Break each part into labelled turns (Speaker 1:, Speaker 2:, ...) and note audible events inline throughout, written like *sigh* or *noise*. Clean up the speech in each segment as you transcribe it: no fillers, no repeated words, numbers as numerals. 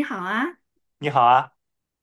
Speaker 1: 你好啊，
Speaker 2: 你好啊，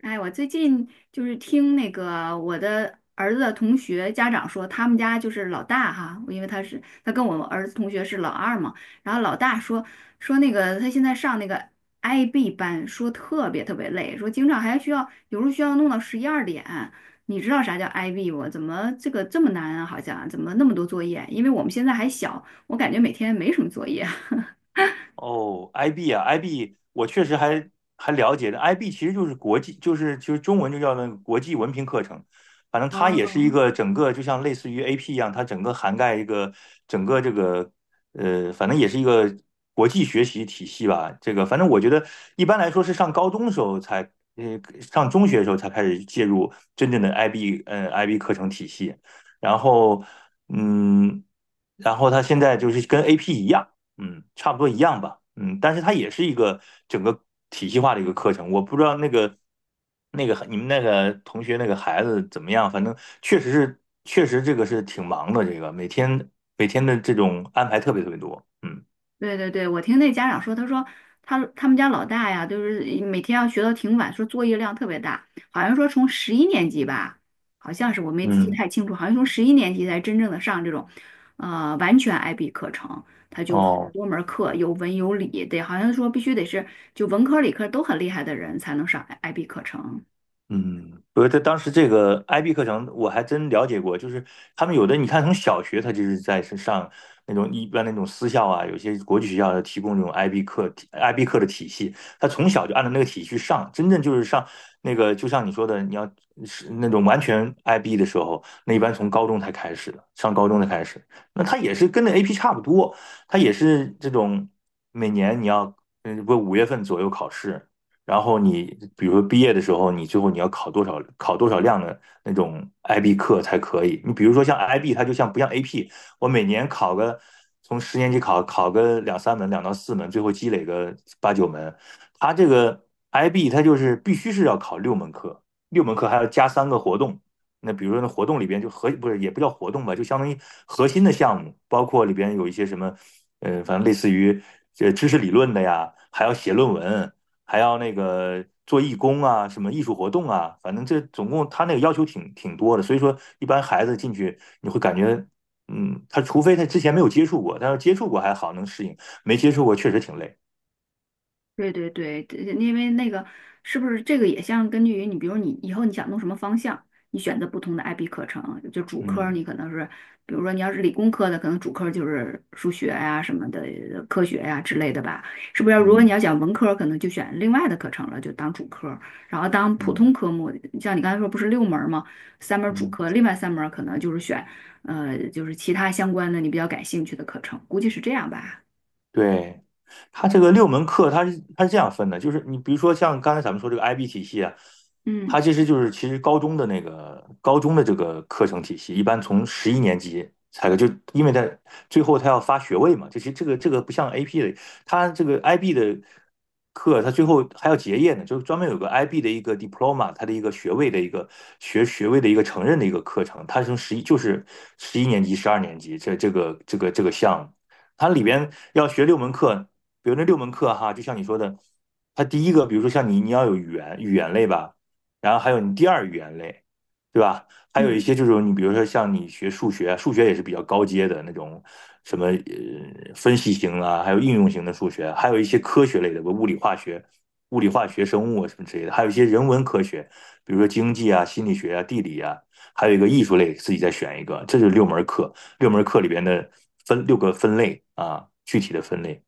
Speaker 1: 哎，我最近就是听那个我的儿子的同学家长说，他们家就是老大哈，因为他跟我儿子同学是老二嘛，然后老大说那个他现在上那个 IB 班，说特别特别累，说经常还需要有时候需要弄到十一二点。你知道啥叫 IB 不？怎么这个这么难啊？好像怎么那么多作业？因为我们现在还小，我感觉每天没什么作业。*laughs*
Speaker 2: 哦，IB 啊，IB，我确实还了解的，IB 其实就是国际，就是其实中文就叫那个国际文凭课程，反正它也是
Speaker 1: 哦，
Speaker 2: 一个整个就像类似于 AP 一样，它整个涵盖一个整个这个反正也是一个国际学习体系吧。这个反正我觉得一般来说是上高中的时候才，上中学的时候才开始介入真正的 IB，嗯，IB 课程体系，然后嗯，然后它现在就是跟 AP 一样。嗯，差不多一样吧，嗯，但是它也是一个整个体系化的一个课程。我不知道那个你们那个同学那个孩子怎么样，反正确实这个是挺忙的，这个每天的这种安排特别特别多，嗯
Speaker 1: 对对对，我听那家长说，他说他们家老大呀，就是每天要学到挺晚，说作业量特别大，好像说从十一年级吧，好像是我没记
Speaker 2: 嗯，
Speaker 1: 太清楚，好像从十一年级才真正的上这种，完全 IB 课程，他就很
Speaker 2: 哦，
Speaker 1: 多门儿课有文有理，得好像说必须得是就文科理科都很厉害的人才能上 IB 课程。
Speaker 2: 嗯，不是，他当时这个 IB 课程我还真了解过，就是他们有的你看从小学他就是在是上那种一般那种私校啊，有些国际学校提供这种 IB 课的体系，他从小就按照那个体系去上，真正就是上那个就像你说的，你要是那种完全 IB 的时候，那一般从高中才开始的，上高中才开始，那他也是跟那 AP 差不多，他也是这种每年你要不五月份左右考试，然后你比如说毕业的时候，你最后你要考多少量的那种 IB 课才可以。你比如说像 IB，它就像不像 AP，我每年考个从十年级考个两三门，两到四门，最后积累个八九门。它这个 IB 它就是必须是要考六门课，六门课还要加三个活动。那比如说那活动里边就不是也不叫活动吧，就相当于核心的项目，包括里边有一些什么，反正类似于这知识理论的呀，还要写论文，还要那个做义工啊，什么艺术活动啊，反正这总共他那个要求挺多的，所以说一般孩子进去你会感觉，嗯，他除非他之前没有接触过，但是接触过还好能适应，没接触过确实挺累。
Speaker 1: 对对对，这因为那个是不是这个也像根据于你，比如你以后你想弄什么方向，你选择不同的 IB 课程，就主科儿
Speaker 2: 嗯
Speaker 1: 你可能是，比如说你要是理工科的，可能主科儿就是数学呀、什么的科学呀、之类的吧，是不是要？如果你要
Speaker 2: 嗯
Speaker 1: 讲文科儿可能就选另外的课程了，就当主科儿然后当普
Speaker 2: 嗯
Speaker 1: 通
Speaker 2: 嗯。
Speaker 1: 科目，像你刚才说不是六门儿吗？三门儿主
Speaker 2: 嗯
Speaker 1: 科，另外三门儿可能就是选就是其他相关的你比较感兴趣的课程，估计是这样吧。
Speaker 2: 对，它这个六门课，它是这样分的，就是你比如说像刚才咱们说这个 IB 体系啊，
Speaker 1: 嗯
Speaker 2: 它其实高中的那个高中的这个课程体系，一般从十一年级才有就因为它最后它要发学位嘛，就其实这个不像 AP 的，它这个 IB 的课，它最后还要结业呢，就是专门有个 IB 的一个 diploma，它的一个学位的一个学学位的一个承认的一个课程，它是从十一年级、十二年级这个项目。它里边要学六门课，比如那六门课哈，就像你说的，它第一个，比如说像你，你要有语言类吧，然后还有你第二语言类，对吧？还有一
Speaker 1: 嗯。
Speaker 2: 些就是你比如说像你学数学，数学也是比较高阶的那种，什么分析型啊，还有应用型的数学，还有一些科学类的，物理化学、生物啊什么之类的，还有一些人文科学，比如说经济啊、心理学啊、地理啊，还有一个艺术类，自己再选一个，这就是六门课。六门课里边的分六个分类啊，具体的分类。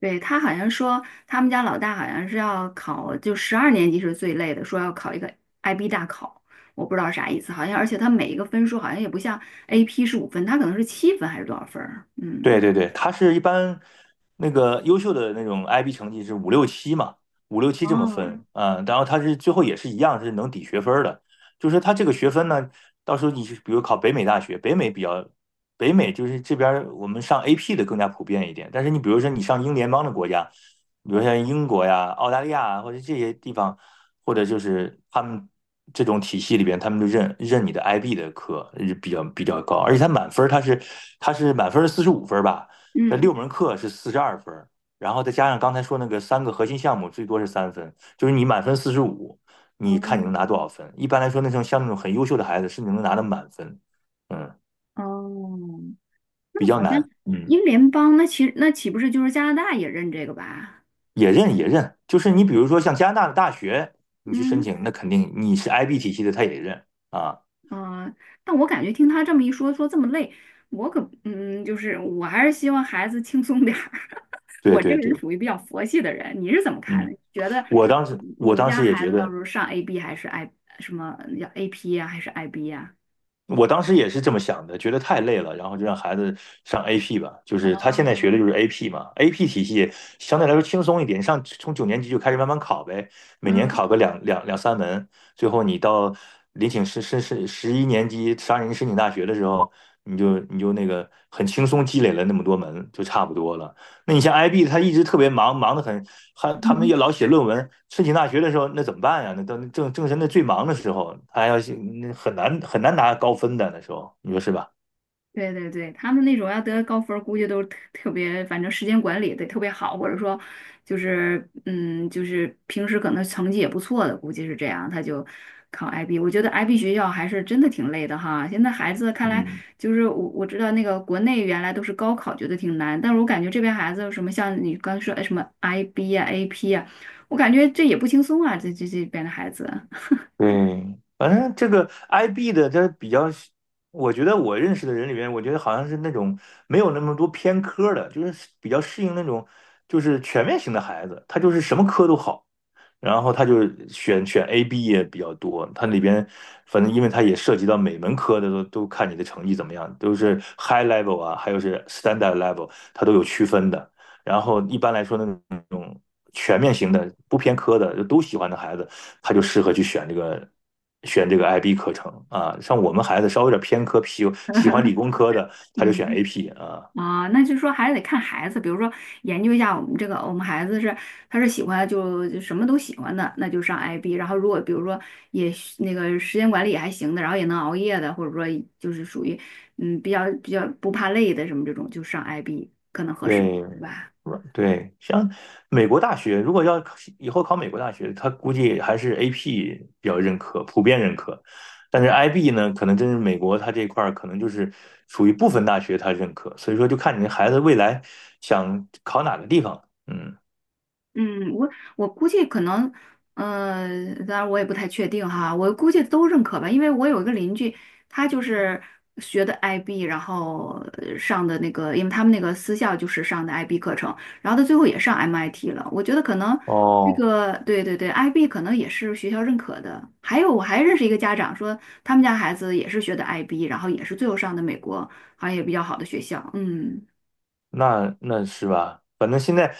Speaker 1: 对，他好像说，他们家老大好像是要考，就十二年级是最累的，说要考一个 IB 大考，我不知道啥意思，好像而且他每一个分数好像也不像 AP 是五分，他可能是七分还是多少分儿
Speaker 2: 对
Speaker 1: 嗯。
Speaker 2: 对对，它是一般那个优秀的那种 IB 成绩是五六七嘛，五六七这么
Speaker 1: 哦，
Speaker 2: 分啊，然后它是最后也是一样是能抵学分的，就是它这个学分呢，到时候你比如考北美大学，北美比较。北美就是这边我们上 AP 的更加普遍一点，但是你比如说你上英联邦的国家，比如像英国呀、澳大利亚啊或者这些地方，或者就是他们这种体系里边，他们就认你的 IB 的课是比较高，而且它满分儿它是满分四十五分儿吧，这
Speaker 1: 嗯。
Speaker 2: 六门课是四十二分儿，然后再加上刚才说那个三个核心项目，最多是三分，就是你满分四十五，你看你能拿多
Speaker 1: 哦，
Speaker 2: 少分？一般来说，那种像那种很优秀的孩子，甚至能拿到满分，嗯，
Speaker 1: 哦，那
Speaker 2: 比较
Speaker 1: 好像
Speaker 2: 难，嗯。
Speaker 1: 英联邦，那岂不是就是加拿大也认这个吧？
Speaker 2: 也认也认，就是你比如说像加拿大的大学，你去申
Speaker 1: 嗯。
Speaker 2: 请，那肯定你是 IB 体系的，他也认啊。
Speaker 1: 嗯，但我感觉听他这么一说，说这么累，我可嗯，就是我还是希望孩子轻松点儿。*laughs*
Speaker 2: 对
Speaker 1: 我这
Speaker 2: 对
Speaker 1: 个人
Speaker 2: 对，
Speaker 1: 属于比较佛系的人，你是怎么看的？
Speaker 2: 嗯，
Speaker 1: 你觉得
Speaker 2: 我当时
Speaker 1: 你
Speaker 2: 我
Speaker 1: 们
Speaker 2: 当
Speaker 1: 家
Speaker 2: 时也
Speaker 1: 孩
Speaker 2: 觉
Speaker 1: 子到
Speaker 2: 得，
Speaker 1: 时候上 AB 还是 I 什么叫 AP 呀、还是 IB 呀、
Speaker 2: 我当时也是这么想的，觉得太累了，然后就让孩子上 AP 吧，就是他
Speaker 1: 哦，
Speaker 2: 现在学的就是 AP 嘛，AP 体系相对来说轻松一点，上从九年级就开始慢慢考呗，每年
Speaker 1: 嗯。
Speaker 2: 考个两三门，最后你到十一年级申请大学的时候，你就那个很轻松积累了那么多门，就差不多了。那你像 IB，他一直特别忙，忙得很，还他们也老写论文。申请大学的时候，那怎么办呀？那都正是那最忙的时候，他要写，那很难很难拿高分的那时候，你说是吧？
Speaker 1: 对对对，他们那种要得高分儿估计都是特别，反正时间管理得特别好，或者说就是就是平时可能成绩也不错的，估计是这样，他就考 IB。我觉得 IB 学校还是真的挺累的哈。现在孩子看来，
Speaker 2: 嗯，
Speaker 1: 就是我知道那个国内原来都是高考觉得挺难，但是我感觉这边孩子什么像你刚说哎什么 IB 呀、AP 呀、我感觉这也不轻松啊，这边的孩子，
Speaker 2: 对，反正这个 IB 的，他比较，我觉得我认识的人里面，我觉得好像是那种没有那么多偏科的，就是比较适应那种就是全面型的孩子，他就是什么科都好。然后他就选 A、B 也比较多，它里边反正因为它也涉及到每门科的都看你的成绩怎么样，都是 high level 啊，还有是 standard level，它都有区分的。然后一般来说那种全面型的、不偏科的就都喜欢的孩子，他就适合去选这个选这个 IB 课程啊。像我们孩子稍微有点偏科，喜欢理
Speaker 1: *laughs*
Speaker 2: 工科的，他就选
Speaker 1: 嗯。
Speaker 2: AP 啊。
Speaker 1: 啊，那就是说还是得看孩子，比如说研究一下我们这个，我们孩子是他是喜欢就什么都喜欢的，那就上 IB。然后如果比如说也是那个时间管理也还行的，然后也能熬夜的，或者说就是属于比较比较不怕累的什么这种，就上 IB 可能合适，
Speaker 2: 对，
Speaker 1: 对吧？
Speaker 2: 软对，像美国大学，如果要考以后考美国大学，他估计还是 AP 比较认可，普遍认可。但是 IB 呢，可能真是美国它这块儿可能就是属于部分大学它认可，所以说就看你的孩子未来想考哪个地方。嗯，
Speaker 1: 嗯，我估计可能，当然我也不太确定哈，我估计都认可吧，因为我有一个邻居，他就是学的 IB，然后上的那个，因为他们那个私校就是上的 IB 课程，然后他最后也上 MIT 了。我觉得可能这
Speaker 2: 哦，
Speaker 1: 个，对对对，IB 可能也是学校认可的。还有我还认识一个家长说，他们家孩子也是学的 IB，然后也是最后上的美国，好像也比较好的学校。嗯，
Speaker 2: 那是吧？反正现在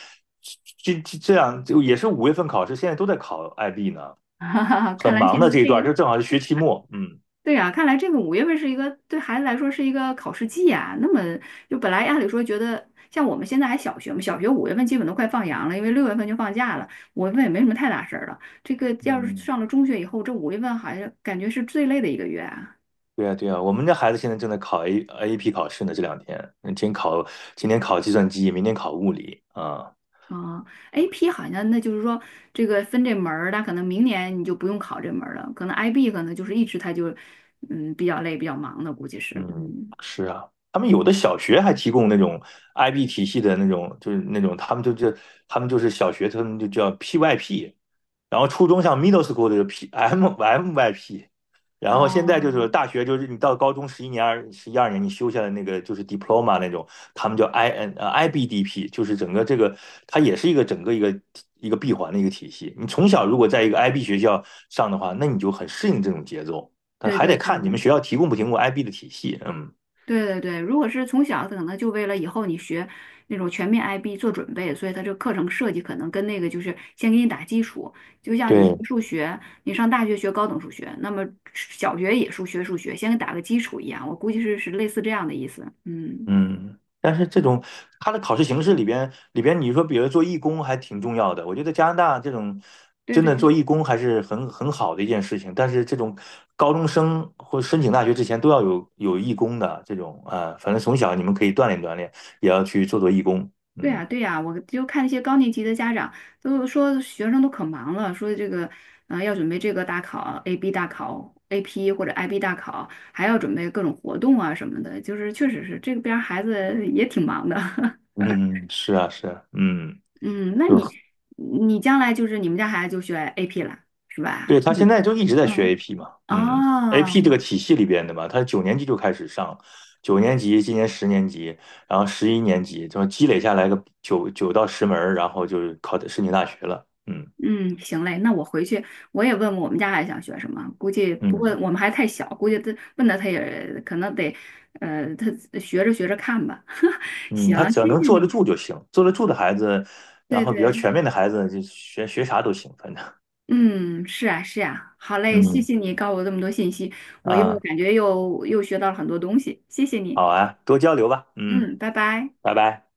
Speaker 2: 这样就也是五月份考试，现在都在考 IB 呢，
Speaker 1: *laughs* 哈哈哈，
Speaker 2: 很
Speaker 1: 看来
Speaker 2: 忙
Speaker 1: 现
Speaker 2: 的
Speaker 1: 在
Speaker 2: 这一
Speaker 1: 这
Speaker 2: 段儿
Speaker 1: 个。
Speaker 2: 就正好是学期末。嗯
Speaker 1: 对呀，看来这个五月份是一个对孩子来说是一个考试季啊。那么就本来按理说觉得，像我们现在还小学嘛，小学五月份基本都快放羊了，因为六月份就放假了，五月份也没什么太大事儿了。这个要是
Speaker 2: 嗯。
Speaker 1: 上了中学以后，这五月份好像感觉是最累的一个月啊。
Speaker 2: 对呀，对呀，我们家孩子现在正在考 A a p 考试呢，这两天，嗯今天考计算机，明天考物理啊。
Speaker 1: 啊，AP 好像那就是说这个分这门儿，那可能明年你就不用考这门儿了，可能 IB 可能就是一直他就比较累、比较忙的，估计是。
Speaker 2: 嗯，是啊，他们有的小学还提供那种 IB 体系的那种，就是那种他们就是小学，他们就叫 PYP，然后初中像 middle school 的就 MYP，然后现在就
Speaker 1: 哦，
Speaker 2: 是大学就是你到高中十一年二十一二年你修下来那个就是 diploma 那种，他们叫 IBDP，就是整个这个它也是一个整个一个闭环的一个体系。你从小如果在一个 IB 学校上的话，那你就很适应这种节奏。但
Speaker 1: 对
Speaker 2: 还
Speaker 1: 对
Speaker 2: 得看你
Speaker 1: 对，
Speaker 2: 们学校提供不提供 IB 的体系。嗯，
Speaker 1: 对对对，如果是从小可能就为了以后你学那种全面 IB 做准备，所以他这课程设计可能跟那个就是先给你打基础，就像你学
Speaker 2: 对，
Speaker 1: 数学，你上大学学高等数学，那么小学也数学数学，先给打个基础一样，我估计是类似这样的意思。嗯，
Speaker 2: 嗯，但是这种它的考试形式里边，里边你说，比如做义工还挺重要的。我觉得加拿大这种
Speaker 1: 对
Speaker 2: 真的
Speaker 1: 对。
Speaker 2: 做义工还是很好的一件事情。但是这种高中生或申请大学之前都要有义工的这种啊，反正从小你们可以锻炼锻炼，也要去做做义工。
Speaker 1: 对呀，
Speaker 2: 嗯
Speaker 1: 对呀，我就看那些高年级的家长都说学生都可忙了，说这个要准备这个大考 AB 大考 AP 或者 IB 大考，还要准备各种活动啊什么的，就是确实是这边儿孩子也挺忙的。*laughs*
Speaker 2: 嗯，是啊是啊，嗯。
Speaker 1: 嗯，那
Speaker 2: 就
Speaker 1: 你
Speaker 2: 是
Speaker 1: 你将来就是你们家孩子就学 AP 了，是吧？
Speaker 2: 对，他
Speaker 1: 嗯
Speaker 2: 现在就一直在学
Speaker 1: 嗯。
Speaker 2: AP 嘛，嗯，AP 这
Speaker 1: 哦，
Speaker 2: 个体系里边的嘛，他九年级就开始上，九年级，今年十年级，然后十一年级，就积累下来个九到十门儿然后就是考的申请大学了，嗯
Speaker 1: 嗯，行嘞，那我回去我也问问我们家孩子想学什么，估计不过
Speaker 2: 嗯
Speaker 1: 我们还太小，估计他问他也可能得，他学着学着看吧。*laughs*
Speaker 2: 嗯，
Speaker 1: 行，
Speaker 2: 他只要
Speaker 1: 谢
Speaker 2: 能
Speaker 1: 谢
Speaker 2: 坐得
Speaker 1: 你，
Speaker 2: 住就行，坐得住的孩子，然
Speaker 1: 对
Speaker 2: 后比较
Speaker 1: 对，
Speaker 2: 全面的孩子，就学学啥都行，反正，
Speaker 1: 嗯，是啊是啊，好嘞，谢
Speaker 2: 嗯
Speaker 1: 谢你告诉我这么多信息，我又
Speaker 2: 啊，
Speaker 1: 感觉又学到了很多东西，谢谢你，
Speaker 2: 好啊，多交流吧，嗯，
Speaker 1: 嗯，拜拜。
Speaker 2: 拜拜。